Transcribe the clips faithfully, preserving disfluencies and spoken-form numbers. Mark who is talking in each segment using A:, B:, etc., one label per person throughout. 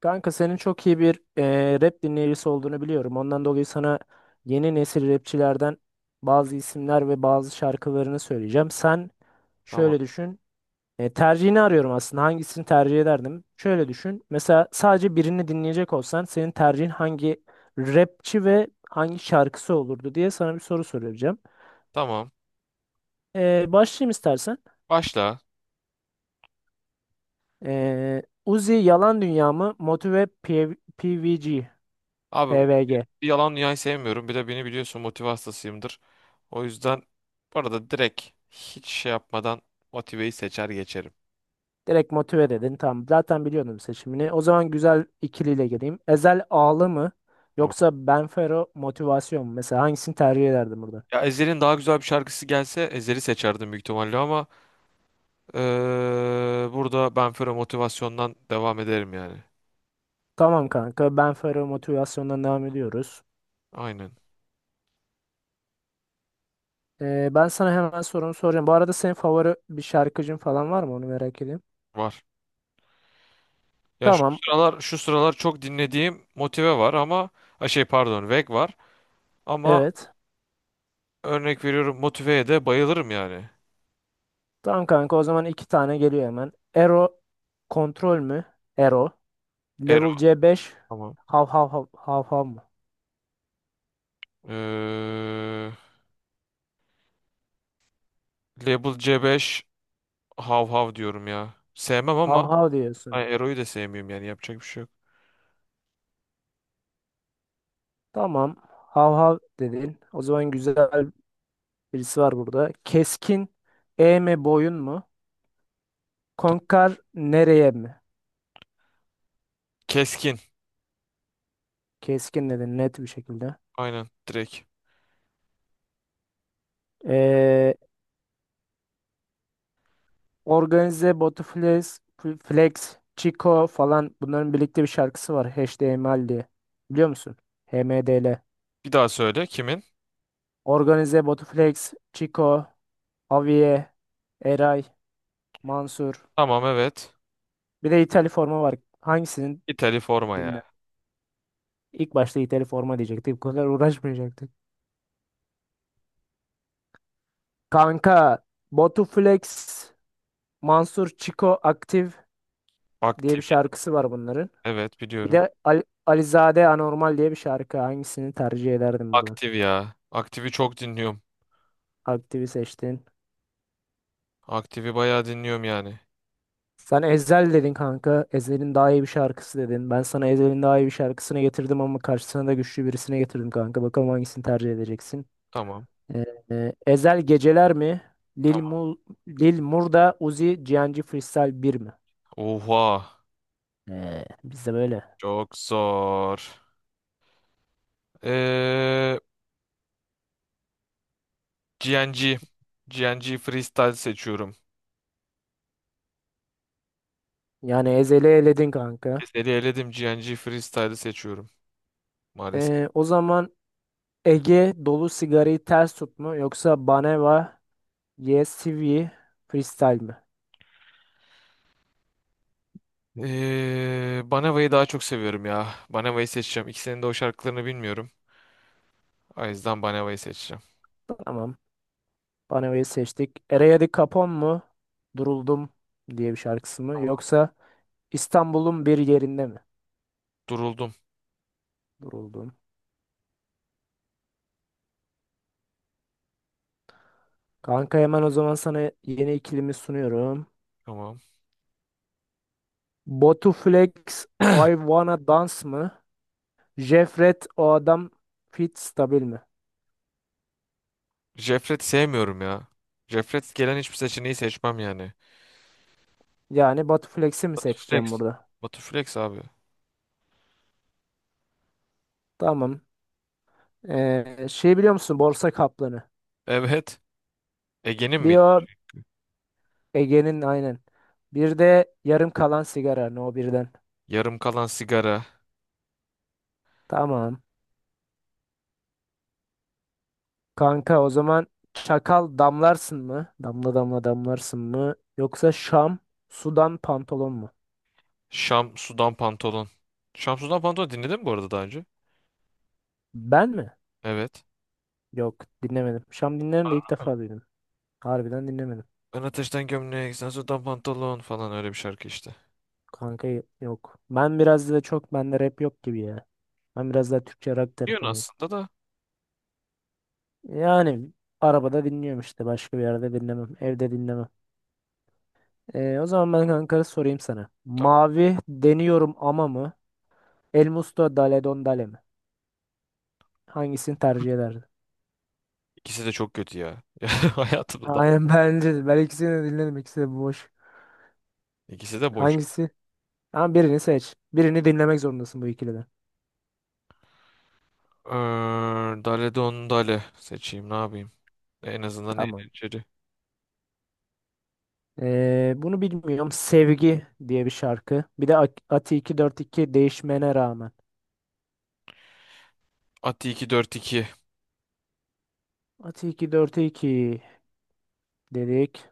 A: Kanka senin çok iyi bir eee, rap dinleyicisi olduğunu biliyorum. Ondan dolayı sana yeni nesil rapçilerden bazı isimler ve bazı şarkılarını söyleyeceğim. Sen
B: Tamam.
A: şöyle düşün. E, tercihini arıyorum aslında. Hangisini tercih ederdim? Şöyle düşün. Mesela sadece birini dinleyecek olsan senin tercihin hangi rapçi ve hangi şarkısı olurdu diye sana bir soru soracağım.
B: Tamam.
A: E, başlayayım istersen.
B: Başla.
A: E, Uzi Yalan Dünya mı? Motive P- PVG.
B: Abi
A: P V G.
B: bir yalan dünyayı sevmiyorum. Bir de beni biliyorsun motive hastasıyımdır. O yüzden bu arada direkt hiç şey yapmadan motiveyi seçer geçerim.
A: Direkt motive dedin. Tamam. Zaten biliyordum seçimini. O zaman güzel ikiliyle geleyim. Ezel Ağlı mı?
B: Tamam.
A: Yoksa Benfero Motivasyon mu? Mesela hangisini tercih ederdin burada?
B: Ya Ezhel'in daha güzel bir şarkısı gelse Ezhel'i seçerdim büyük ihtimalle ama eee, burada ben Fero motivasyondan devam ederim yani.
A: Tamam kanka. Benfero Motivasyon'dan devam ediyoruz.
B: Aynen.
A: Ee, ben sana hemen sorumu soracağım. Bu arada senin favori bir şarkıcın falan var mı? Onu merak edeyim.
B: Var. Yani şu
A: Tamam.
B: sıralar şu sıralar çok dinlediğim motive var ama ha şey pardon Veg var ama
A: Evet.
B: örnek veriyorum motiveye de bayılırım yani.
A: Tamam kanka. O zaman iki tane geliyor hemen. Ero Kontrol mü? Ero.
B: Ero.
A: Level c beş
B: Tamam.
A: Hav hav hav hav hav mı?
B: Ee, Label C beş hav hav diyorum ya. Sevmem ama
A: Hav hav diyorsun.
B: ay, Ero'yu da sevmiyorum yani yapacak bir şey yok.
A: Tamam. Hav hav dedin. O zaman güzel birisi var burada. Keskin E mi boyun mu? Konkar nereye mi?
B: Keskin.
A: Keskin dedin net bir şekilde.
B: Aynen direkt.
A: Ee, organize, Botuflex, F- Flex, Chico falan bunların birlikte bir şarkısı var. H D H T M L diye. Biliyor musun? H M D L.
B: Bir daha söyle kimin?
A: Organize, Botuflex, Chico, Aviye, Eray, Mansur.
B: Tamam, evet.
A: Bir de İtali forma var. Hangisini
B: İtali forma
A: dinler?
B: ya.
A: İlk başta İtali forma diyecektik. Bu kadar uğraşmayacaktık. Kanka Batu Flex, Mansur Çiko Aktif diye bir
B: Aktif.
A: şarkısı var bunların.
B: Evet,
A: Bir
B: biliyorum.
A: de Ali, Alizade Anormal diye bir şarkı. Hangisini tercih ederdin buradan?
B: Aktif ya. Aktifi çok dinliyorum.
A: Aktif'i seçtin.
B: Aktifi bayağı dinliyorum yani.
A: Sen Ezel dedin kanka. Ezel'in daha iyi bir şarkısı dedin. Ben sana Ezel'in daha iyi bir şarkısını getirdim ama karşısına da güçlü birisine getirdim kanka. Bakalım hangisini tercih edeceksin.
B: Tamam.
A: Ee, e, Ezel Geceler mi? Lil,
B: Tamam.
A: Mul, Lil Murda Uzi Cihancı Freestyle bir mi?
B: Oha.
A: Ee, biz de böyle.
B: Çok zor. Ee, G N G. G N G Freestyle seçiyorum.
A: Yani Ezel'i eledin kanka.
B: Seni eledim. G N G Freestyle seçiyorum. Maalesef.
A: Ee, o zaman Ege dolu sigarayı ters tut mu yoksa Baneva Yes Sivri Freestyle mi?
B: Ee, Banava'yı daha çok seviyorum ya. Banava'yı seçeceğim. İkisinin de o şarkılarını bilmiyorum. O yüzden Banava'yı seçeceğim.
A: Tamam. Baneva'yı seçtik. Eraya Di Capone mu? Duruldum diye bir şarkısı mı? Yoksa İstanbul'un bir yerinde mi?
B: Duruldum.
A: Duruldum. Kanka hemen o zaman sana yeni ikilimi sunuyorum.
B: Tamam.
A: Batu Flex I Wanna Dance mı? Jefret o adam fit stabil mi?
B: Jefret sevmiyorum ya. Jefret gelen hiçbir seçeneği seçmem yani.
A: Yani Batu Flex'i mi seçeceğim
B: Flex.
A: burada?
B: Batu Flex abi.
A: Tamam. Ee, şey biliyor musun? Borsa kaplanı.
B: Evet. Ege'nin
A: Bir
B: miydi?
A: o Ege'nin aynen. Bir de yarım kalan sigara. No birden.
B: Yarım kalan sigara.
A: Tamam. Kanka o zaman çakal damlarsın mı? Damla damla damlarsın mı? Yoksa Şam sudan pantolon mu?
B: Şam sudan pantolon. Şam sudan pantolon dinledin mi bu arada daha önce?
A: Ben mi?
B: Evet.
A: Yok dinlemedim. Şam dinlerim de ilk defa duydum. Harbiden dinlemedim.
B: Ben ateşten gömlek, sen sudan pantolon falan öyle bir şarkı işte.
A: Kanka y- yok. Ben biraz da çok bende rap yok gibi ya. Ben biraz daha Türkçe rock
B: Biliyorsun
A: tarafındayım.
B: aslında da.
A: Yani arabada dinliyorum işte. Başka bir yerde dinlemem. Evde dinlemem. Ee, o zaman ben kanka sorayım sana.
B: Tamam.
A: Mavi deniyorum ama mı? El Musto Dale Don Dale mi? Hangisini tercih ederdin?
B: İkisi de çok kötü ya. Hayatımda.
A: Aynen bence de. Ben ikisini de dinledim. İkisi de boş.
B: İkisi de boş.
A: Hangisi? Ama birini seç. Birini dinlemek zorundasın bu ikiliden.
B: Ee, Dale Don Dale seçeyim ne yapayım. En azından
A: Tamam.
B: eğlenceli.
A: Ee, bunu bilmiyorum. Sevgi diye bir şarkı. Bir de Ak- Ati iki yüz kırk iki değişmene rağmen.
B: Ati iki dört iki.
A: Ati iki yüz kırk iki dedik.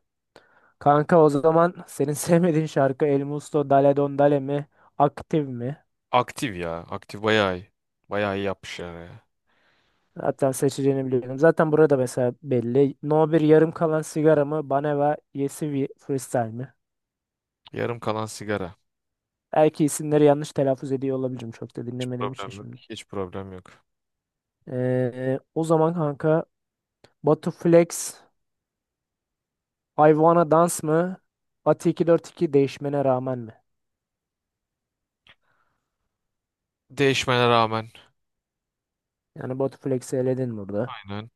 A: Kanka o zaman senin sevmediğin şarkı El Musto Dale Don Dale mi? Aktif mi?
B: Aktif ya. Aktif bayağı iyi. Bayağı iyi yapmışlar ya.
A: Hatta seçeceğini biliyordum. Zaten burada mesela belli. No bir yarım kalan sigara mı? Baneva Yesivi Freestyle mi?
B: Yarım kalan sigara.
A: Belki isimleri yanlış telaffuz ediyor olabilirim. Çok da
B: Hiç
A: dinlemediğim için
B: problem yok.
A: şimdi.
B: Hiç problem yok.
A: Ee, o zaman kanka Batu Flex Hayvana Dans mı? Ati iki yüz kırk iki değişmene rağmen mi?
B: Değişmene rağmen.
A: Yani Batu Flex'i eledin burada.
B: Aynen.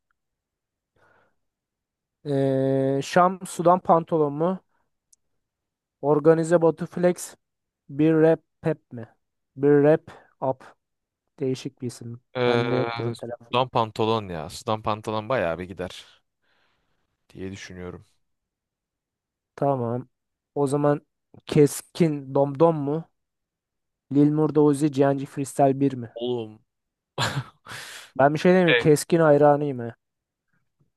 A: Ee, Şam Sudan Pantolon mu? Organize Batu Flex bir rap pep mi? Bir rap up. Değişik bir isim. Bende yok
B: Ee,
A: bunun telaffuz.
B: sudan pantolon ya. Sudan pantolon bayağı bir gider diye düşünüyorum.
A: Tamam. O zaman Keskin Domdom mu? Lil Murda Uzi Cihancı Freestyle bir mi?
B: Oğlum.
A: Ben bir şey diyeyim mi?
B: Hey.
A: Keskin hayranıyım he.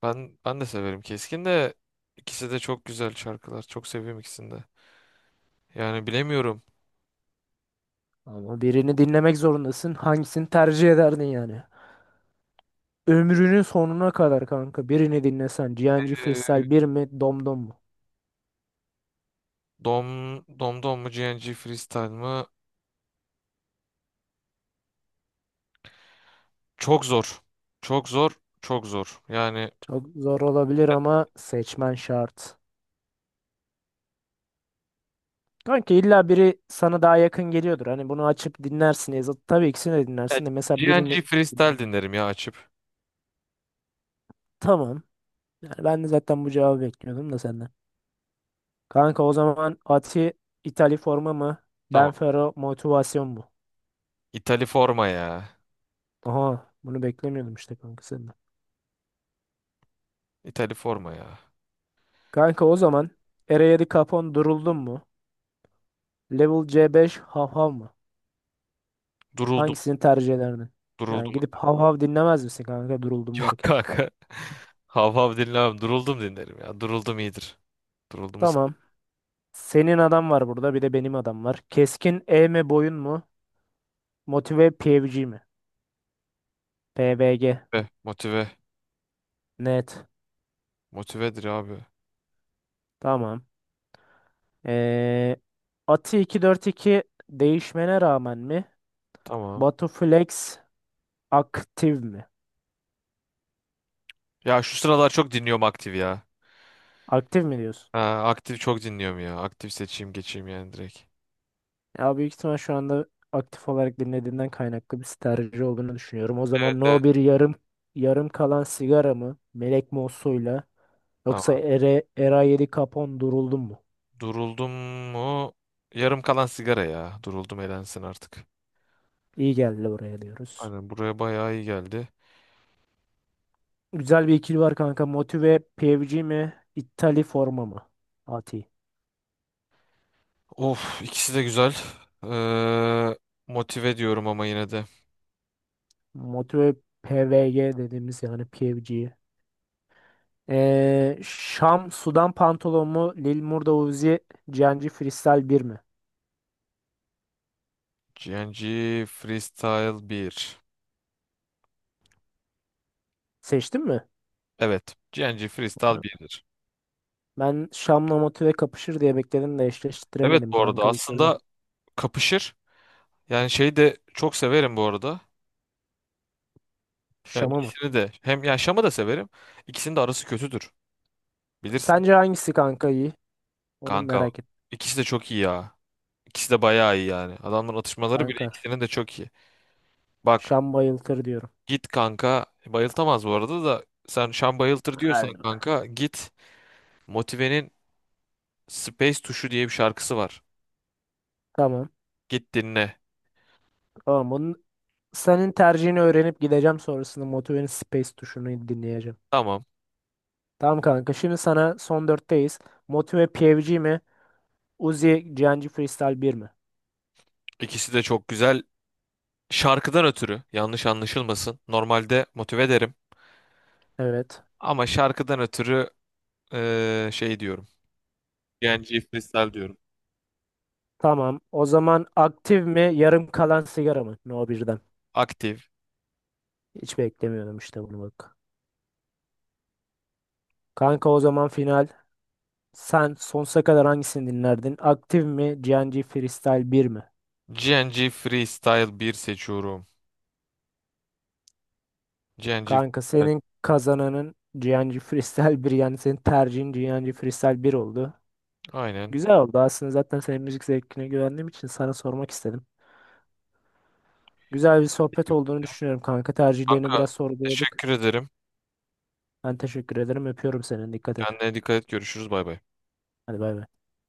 B: Ben, ben de severim keskin de. İkisi de çok güzel şarkılar. Çok seviyorum ikisini de. Yani bilemiyorum.
A: Ama birini dinlemek zorundasın. Hangisini tercih ederdin yani? Ömrünün sonuna kadar kanka birini dinlesen Cihancı
B: Ee,
A: Freestyle bir mi Domdom mu?
B: Dom, Domdom mu G N G Freestyle mı? Çok zor. Çok zor. Çok zor. Yani
A: Çok zor olabilir ama seçmen şart. Kanka illa biri sana daha yakın geliyordur. Hani bunu açıp dinlersin. E, zat- Tabii ikisini de
B: ya,
A: dinlersin de mesela birini
B: G N G Freestyle dinlerim ya açıp.
A: tamam. Yani ben de zaten bu cevabı bekliyordum da senden. Kanka o zaman Ati İtalya forma mı?
B: Tamam.
A: Benfero motivasyon mu?
B: İtali forma ya.
A: Aha bunu beklemiyordum işte kanka senden.
B: İtali forma ya.
A: Kanka o zaman Eredivisie Capon duruldun mu? Level C beş Hav Hav mı?
B: Duruldum.
A: Hangisini tercih ederdin? Yani
B: Duruldum.
A: gidip Hav Hav dinlemez misin kanka duruldum
B: Yok
A: varken?
B: kanka. Hav hav dinlemem. Duruldum dinlerim ya. Duruldum iyidir. Duruldumu
A: Tamam. Senin adam var burada bir de benim adam var. Keskin E mi boyun mu? Motive P V G mi? P V G.
B: sebebi. Motive.
A: Net.
B: Motivedir abi.
A: Tamam. Ee, Ati iki yüz kırk iki değişmene rağmen mi?
B: Tamam.
A: Batuflex aktif mi?
B: Ya şu sıralar çok dinliyorum aktif ya.
A: Aktif mi diyorsun?
B: Ha, aktif çok dinliyorum ya. Aktif seçeyim geçeyim yani direkt.
A: Ya büyük ihtimal şu anda aktif olarak dinlediğinden kaynaklı bir tercih olduğunu düşünüyorum. O zaman
B: Evet.
A: no bir yarım yarım kalan sigara mı? Melek Mosso'yla yoksa
B: Tamam.
A: Ere, Era yedi Capone duruldum mu?
B: Duruldum mu? Yarım kalan sigara ya. Duruldum elensin artık.
A: İyi geldi oraya diyoruz.
B: Aynen buraya bayağı iyi geldi.
A: Güzel bir ikili var kanka. Motive P V G mi? İttali forma mı? Ati.
B: Of, ikisi de güzel. Ee, motive diyorum ama yine de.
A: Motive P V G dediğimiz yani P V G. Ee, Şam, Sudan pantolon mu? Lil Murda Uzi, Cenci Freestyle bir mi?
B: G N G Freestyle bir.
A: Seçtin mi?
B: Evet. G N G Freestyle birdir.
A: Ben Şam'la motive kapışır diye bekledim de
B: Evet,
A: eşleştiremedim
B: bu arada
A: kanka bir türlü.
B: aslında kapışır. Yani şeyi de çok severim bu arada. Ya
A: Şam'a mı?
B: ikisini de. Hem ya Şam'ı da severim. İkisinin de arası kötüdür. Bilirsin.
A: Sence hangisi kanka iyi? Onu
B: Kanka.
A: merak et
B: İkisi de çok iyi ya. İkisi de bayağı iyi yani. Adamların atışmaları bile
A: kanka.
B: ikisinin de çok iyi. Bak
A: Şam bayıltır diyorum.
B: git kanka. Bayıltamaz bu arada da sen Şan bayıltır
A: Hadi
B: diyorsan
A: be.
B: kanka git. Motive'nin Space Tuşu diye bir şarkısı var.
A: Tamam.
B: Git dinle.
A: Tamam. Bunun, senin tercihini öğrenip gideceğim sonrasında Motive'nin Space tuşunu dinleyeceğim.
B: Tamam.
A: Tamam kanka. Şimdi sana son dörtteyiz. Motive P V G mi? Uzi, Cenci Freestyle bir mi?
B: İkisi de çok güzel. Şarkıdan ötürü yanlış anlaşılmasın. Normalde motive derim.
A: Evet.
B: Ama şarkıdan ötürü eee, şey diyorum. G N G Freestyle diyorum.
A: Tamam. O zaman aktif mi, yarım kalan sigara mı? No birden.
B: Aktif.
A: Hiç beklemiyordum işte bunu bak. Kanka o zaman final. Sen sonsuza kadar hangisini dinlerdin? Aktif mi, G N G Freestyle bir mi?
B: G N G Freestyle bir seçiyorum. G N G
A: Kanka
B: Freestyle.
A: senin kazananın G N G Freestyle bir yani senin tercihin G N G Freestyle bir oldu.
B: Aynen.
A: Güzel oldu aslında zaten senin müzik zevkine güvendiğim için sana sormak istedim. Güzel bir sohbet olduğunu düşünüyorum kanka. Tercihlerini
B: Kanka,
A: biraz
B: teşekkür
A: sorguladık.
B: ederim.
A: Ben teşekkür ederim. Öpüyorum seni. Dikkat et.
B: Kendine dikkat et. Görüşürüz. Bay bay.
A: Hadi bay bay.